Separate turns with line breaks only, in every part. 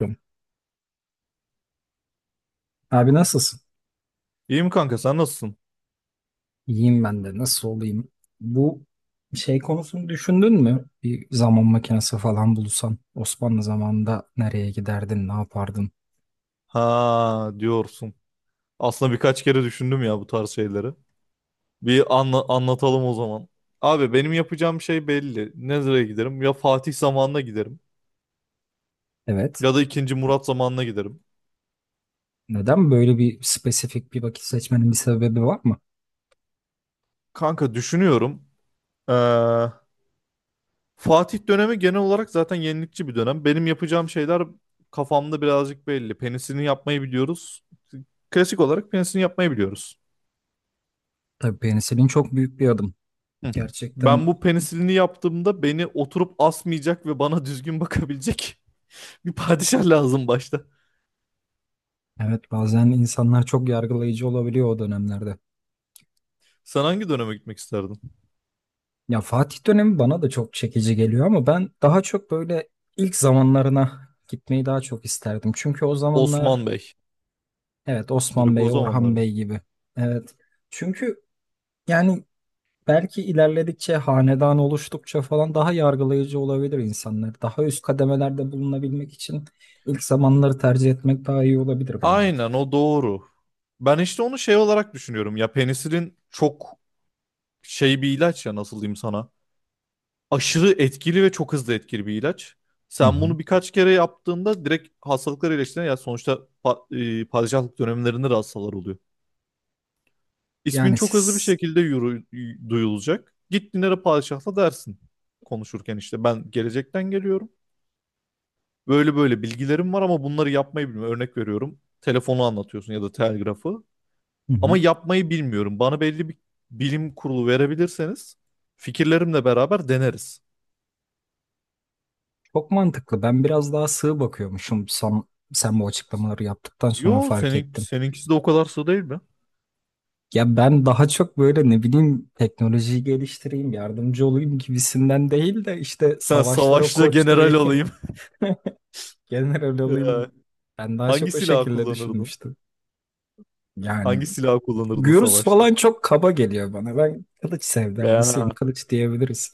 Yapıyorum. Abi nasılsın?
İyi mi kanka sen nasılsın?
İyiyim ben de. Nasıl olayım? Bu konusunu düşündün mü? Bir zaman makinesi falan bulsan Osmanlı zamanında nereye giderdin, ne yapardın?
Ha diyorsun. Aslında birkaç kere düşündüm ya bu tarz şeyleri. Bir anlatalım o zaman. Abi benim yapacağım şey belli. Nereye giderim? Ya Fatih zamanına giderim.
Evet.
Ya da II. Murat zamanına giderim.
Neden böyle spesifik bir vakit seçmenin bir sebebi var mı?
Kanka düşünüyorum. Ee, Fatih dönemi genel olarak zaten yenilikçi bir dönem. Benim yapacağım şeyler kafamda birazcık belli. Penisini yapmayı biliyoruz. Klasik olarak penisini yapmayı biliyoruz.
Tabii penisilin çok büyük bir adım.
Hı. Ben
Gerçekten
bu penisilini yaptığımda beni oturup asmayacak ve bana düzgün bakabilecek bir padişah lazım başta.
evet, bazen insanlar çok yargılayıcı olabiliyor o dönemlerde.
Sen hangi döneme gitmek isterdin?
Ya Fatih dönemi bana da çok çekici geliyor ama ben daha çok böyle ilk zamanlarına gitmeyi daha çok isterdim. Çünkü o
Osman
zamanlar.
Bey.
Evet, Osman
Direkt o
Bey,
zamanlar
Orhan
mı?
Bey gibi. Evet. Çünkü yani belki ilerledikçe, hanedan oluştukça falan daha yargılayıcı olabilir insanlar. Daha üst kademelerde bulunabilmek için ilk zamanları tercih etmek daha iyi olabilir bence.
Aynen o doğru. Ben işte onu şey olarak düşünüyorum. Ya penisilin çok şey bir ilaç ya nasıl diyeyim sana. Aşırı etkili ve çok hızlı etkili bir ilaç.
Hı
Sen
hı.
bunu birkaç kere yaptığında direkt hastalıklar iyileştiğine ya sonuçta padişahlık dönemlerinde de hastalar oluyor. İsmin
Yani
çok hızlı bir
siz.
şekilde duyulacak. Git Dilara Padişah'la dersin konuşurken işte ben gelecekten geliyorum. Böyle böyle bilgilerim var ama bunları yapmayı bilmiyorum. Örnek veriyorum. Telefonu anlatıyorsun ya da telgrafı.
Hı hı.
Ama yapmayı bilmiyorum. Bana belli bir bilim kurulu verebilirseniz fikirlerimle beraber deneriz.
Çok mantıklı. Ben biraz daha sığ bakıyormuşum, sen bu açıklamaları yaptıktan sonra
Yo
fark
senin
ettim.
seninkisi de o kadar sığ değil mi?
Ya ben daha çok böyle, ne bileyim, teknolojiyi geliştireyim, yardımcı olayım gibisinden değil de işte
Sen
savaşlara
savaşta general
koşturayım.
olayım.
General
Ee,
olayım. Ben daha
Hangi
çok o
silah
şekilde
kullanırdın?
düşünmüştüm. Yani
Hangi silah kullanırdın
gürüz
savaşta?
falan çok kaba geliyor bana. Ben kılıç
Ya.
sevdalısıyım. Kılıç diyebiliriz.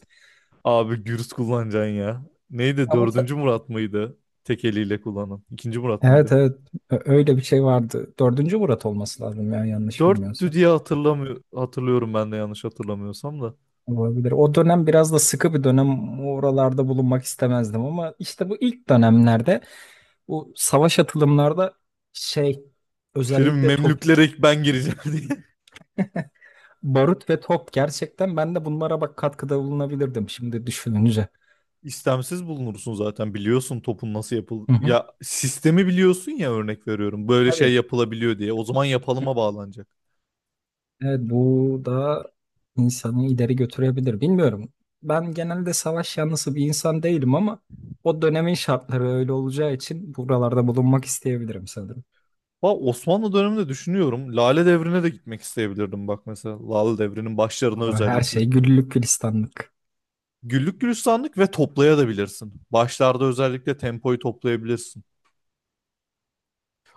Abi gürüz kullanacaksın ya. Neydi?
Ama ta-
IV. Murat mıydı? Tek eliyle kullanan. II. Murat
evet
mıydı?
evet, öyle bir şey vardı. Dördüncü Murat olması lazım ya, yanlış
Dörttü
bilmiyorsam.
diye hatırlamıyor, hatırlıyorum ben de yanlış hatırlamıyorsam da.
Olabilir. O dönem biraz da sıkı bir dönem. Oralarda bulunmak istemezdim ama işte bu ilk dönemlerde, bu savaş atılımlarda, şey
Şimdi
özellikle top,
Memlüklere ben gireceğim diye.
barut ve top, gerçekten ben de bunlara bak katkıda bulunabilirdim şimdi düşününce.
İstemsiz bulunursun zaten biliyorsun topun nasıl yapıl...
Hı hı.
Ya sistemi biliyorsun ya örnek veriyorum. Böyle şey
Tabii.
yapılabiliyor diye. O zaman yapalıma bağlanacak.
Evet, bu da insanı ileri götürebilir. Bilmiyorum. Ben genelde savaş yanlısı bir insan değilim ama o dönemin şartları öyle olacağı için buralarda bulunmak isteyebilirim sanırım.
Bak Osmanlı döneminde düşünüyorum. Lale Devri'ne de gitmek isteyebilirdim bak mesela. Lale Devri'nin başlarına
Ama her
özellikle.
şey güllük gülistanlık.
Güllük gülistanlık ve toplayabilirsin. Başlarda özellikle tempoyu toplayabilirsin.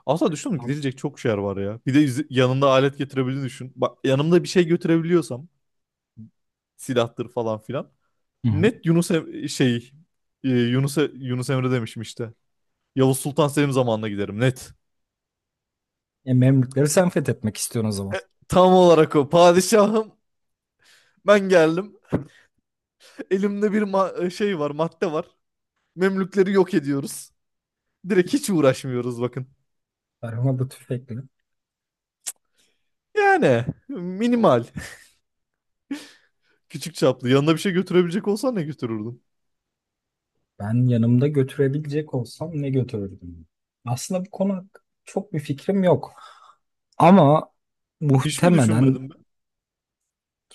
Aslında düşündüm
Tam.
gidilecek çok şey var ya. Bir de yanında alet getirebildiğini düşün. Bak yanımda bir şey götürebiliyorsam silahtır falan filan.
Hı hı.
Net Yunus Em- şey e, Yunus E- Yunus Emre demişim işte. Yavuz Sultan Selim zamanına giderim net.
E, Memlükleri sen fethetmek istiyorsun o zaman.
E, Tam olarak o. Padişahım ben geldim. Elimde bir şey var, madde var. Memlükleri yok ediyoruz. Direkt hiç uğraşmıyoruz bakın.
Tarhana tüfekle.
Yani minimal. Küçük çaplı. Yanına bir şey götürebilecek olsan ne götürürdün?
Ben yanımda götürebilecek olsam ne götürürdüm? Aslında bu konu hakkında çok bir fikrim yok. Ama
Hiç mi
muhtemelen.
düşünmedim ben?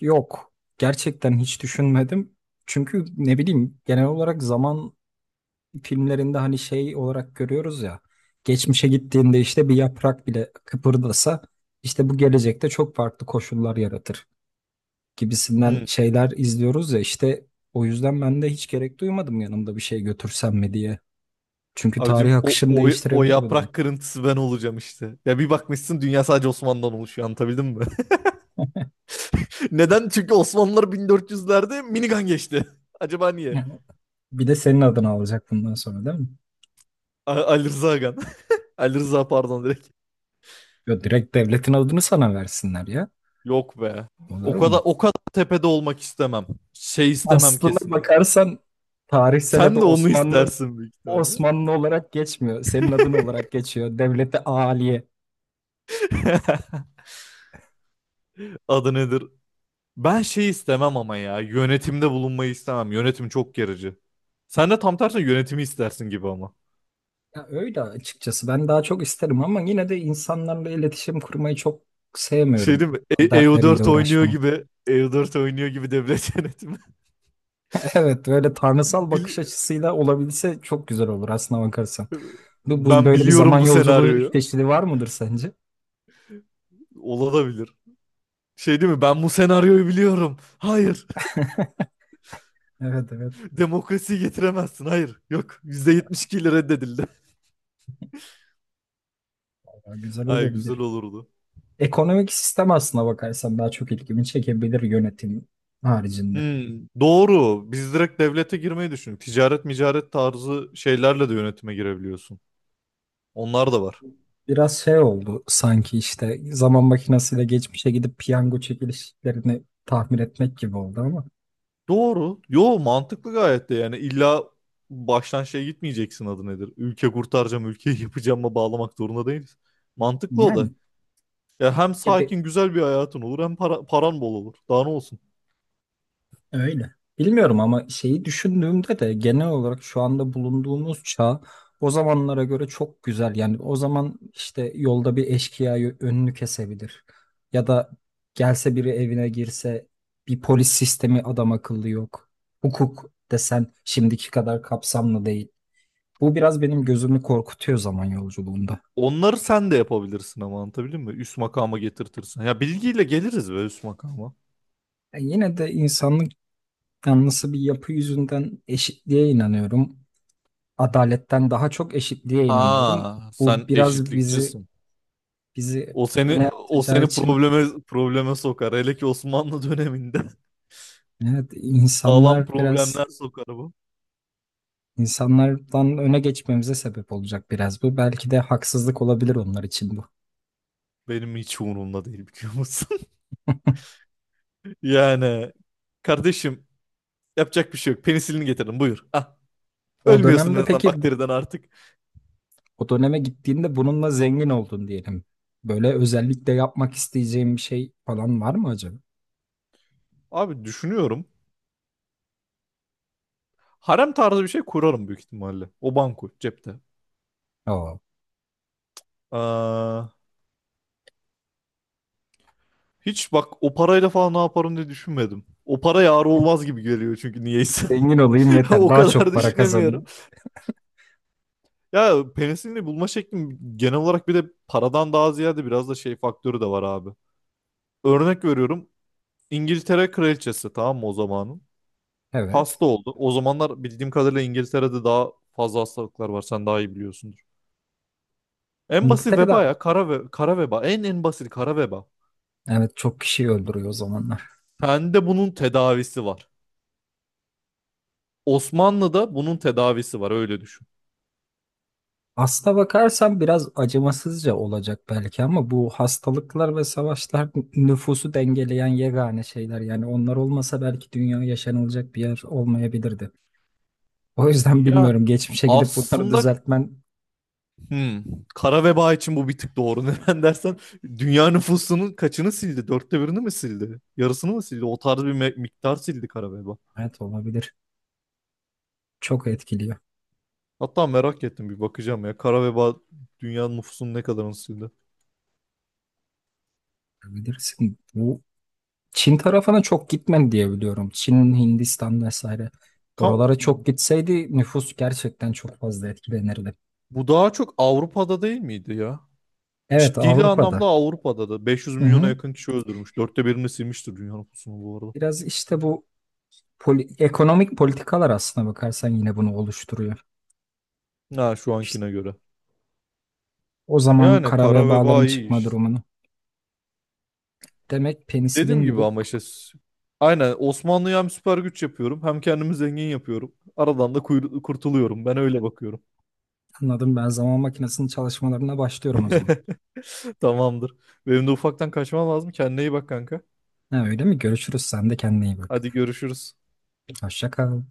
Yok. Gerçekten hiç düşünmedim. Çünkü ne bileyim, genel olarak zaman filmlerinde hani şey olarak görüyoruz ya. Geçmişe gittiğinde işte bir yaprak bile kıpırdasa, işte bu gelecekte çok farklı koşullar yaratır gibisinden
Hmm.
şeyler izliyoruz ya işte. O yüzden ben de hiç gerek duymadım yanımda bir şey götürsem mi diye. Çünkü
Abicim
tarih
o,
akışını
o, o
değiştirebilir bu durum.
yaprak kırıntısı ben olacağım işte. Ya bir bakmışsın dünya sadece Osmanlı'dan oluşuyor anlatabildim mi? Neden? Çünkü Osmanlılar 1400'lerde minigun geçti. Acaba niye?
Yani bir de senin adını alacak bundan sonra değil mi?
Ali Rıza Ağam. Ali Rıza pardon direkt.
Yo, direkt devletin adını sana versinler ya.
Yok be.
Olur
O kadar
mu?
o kadar tepede olmak istemem. Şey istemem
Aslına
kesinlikle.
bakarsan tarihsel adı
Sen de onu
Osmanlı,
istersin büyük ihtimalle.
Osmanlı olarak geçmiyor. Senin adın olarak geçiyor. Devlete Aliye.
Adı nedir? Ben şey istemem ama ya. Yönetimde bulunmayı istemem. Yönetim çok gerici. Sen de tam tersine yönetimi istersin gibi ama.
Ya öyle açıkçası. Ben daha çok isterim ama yine de insanlarla iletişim kurmayı çok
Şey
sevmiyorum.
değil mi?
Dertleriyle
EU4 oynuyor
uğraşmayı.
gibi. EU4 oynuyor gibi devlet yönetimi.
Evet, böyle tanrısal bakış
Bili-
açısıyla olabilse çok güzel olur aslına bakarsan. Bu
Ben
böyle bir zaman
biliyorum bu
yolculuğu
senaryoyu.
çeşidi var mıdır sence?
Olabilir. Şey değil mi? Ben bu senaryoyu biliyorum. Hayır.
Evet evet.
Demokrasiyi getiremezsin. Hayır. Yok. %72 ile reddedildi.
Vallahi güzel
Ay güzel
olabilir.
olurdu.
Ekonomik sistem aslına bakarsan daha çok ilgimi çekebilir, yönetim haricinde.
Hmm, doğru. Biz direkt devlete girmeyi düşündük. Ticaret, micaret tarzı şeylerle de yönetime girebiliyorsun. Onlar da var.
Biraz şey oldu sanki, işte zaman makinesiyle geçmişe gidip piyango çekilişlerini tahmin etmek gibi oldu ama
Doğru. Yo mantıklı gayet de yani illa baştan şey gitmeyeceksin adı nedir? Ülke kurtaracağım, ülkeyi yapacağıma bağlamak zorunda değiliz. Mantıklı o da.
yani,
Ya hem
ya
sakin güzel bir hayatın olur hem para, paran bol olur. Daha ne olsun?
öyle. Bilmiyorum ama şeyi düşündüğümde de, genel olarak şu anda bulunduğumuz çağ o zamanlara göre çok güzel. Yani o zaman işte yolda bir eşkıya önünü kesebilir. Ya da gelse biri evine girse, bir polis sistemi adam akıllı yok. Hukuk desen şimdiki kadar kapsamlı değil. Bu biraz benim gözümü korkutuyor zaman yolculuğunda.
Onları sen de yapabilirsin ama anlatabildim mi? Üst makama getirtirsin. Ya bilgiyle geliriz be üst makama.
Yani yine de insanlık yanlısı bir yapı yüzünden eşitliğe inanıyorum. Adaletten daha çok eşitliğe inanıyorum.
Ha, sen
Bu biraz bizi
eşitlikçisin.
bizi
O seni
öne
o
atacağı
seni
için,
probleme sokar. Hele ki Osmanlı döneminde
evet,
sağlam
insanlar biraz,
problemler sokar bu.
insanlardan öne geçmemize sebep olacak biraz bu. Belki de haksızlık olabilir onlar için bu.
Benim hiç umurumda değil biliyor musun? Yani kardeşim yapacak bir şey yok. Penisilini getirdim buyur. Ah,
O
ölmüyorsun en
dönemde
azından
peki,
bakteriden artık.
o döneme gittiğinde bununla zengin oldun diyelim. Böyle özellikle yapmak isteyeceğim bir şey falan var mı acaba?
Abi düşünüyorum. Harem tarzı bir şey kurarım büyük ihtimalle. O banko cepte.
Oo.
Aa, hiç bak o parayla falan ne yaparım diye düşünmedim. O para yar olmaz gibi geliyor çünkü niyeyse.
Zengin olayım yeter.
O
Daha
kadar
çok para
düşünemiyorum.
kazanayım.
Ya penisilini bulma şeklim genel olarak bir de paradan daha ziyade biraz da şey faktörü de var abi. Örnek veriyorum. İngiltere kraliçesi tamam mı o zamanın?
Evet.
Hasta oldu. O zamanlar bildiğim kadarıyla İngiltere'de daha fazla hastalıklar var. Sen daha iyi biliyorsundur. En basit veba
İngiltere'de,
ya. Kara veba. En basit kara veba.
evet, çok kişi öldürüyor o zamanlar.
Sende bunun tedavisi var. Osmanlı'da bunun tedavisi var. Öyle düşün.
Aslına bakarsan biraz acımasızca olacak belki ama bu hastalıklar ve savaşlar nüfusu dengeleyen yegane şeyler. Yani onlar olmasa belki dünya yaşanılacak bir yer olmayabilirdi. O yüzden
Ya
bilmiyorum. Geçmişe gidip bunları
aslında
düzeltmen.
hmm, kara veba için bu bir tık doğru. Neden dersen dünya nüfusunun kaçını sildi? Dörtte birini mi sildi? Yarısını mı sildi? O tarz bir miktar sildi kara veba.
Evet, olabilir. Çok etkiliyor.
Hatta merak ettim bir bakacağım ya. Kara veba dünya nüfusunun ne kadarını sildi?
Bilirsin. Bu Çin tarafına çok gitmedi diye biliyorum. Çin, Hindistan vesaire.
Kan
Oralara çok gitseydi nüfus gerçekten çok fazla etkilenirdi.
Bu daha çok Avrupa'da değil miydi ya?
Evet,
Ciddi anlamda
Avrupa'da.
Avrupa'da da. 500
Hı
milyona
hı.
yakın kişi öldürmüş. Dörtte birini silmiştir dünya nüfusunu bu arada.
Biraz işte bu ekonomik politikalar aslına bakarsan yine bunu oluşturuyor.
Ha şu
İşte
ankine göre.
o zaman
Yani
kara
kara veba
vebaların
iyi
çıkma
iş.
durumunu. Demek
Dediğim
penisilin
gibi ama
bulup,
işte aynen Osmanlı'ya hem süper güç yapıyorum hem kendimi zengin yapıyorum. Aradan da kurtuluyorum. Ben öyle bakıyorum.
anladım, ben zaman makinesinin çalışmalarına başlıyorum o zaman.
Tamamdır. Benim de ufaktan kaçmam lazım. Kendine iyi bak kanka.
Ha, öyle mi? Görüşürüz. Sen de kendine iyi
Hadi
bak.
görüşürüz.
Hoşça kal.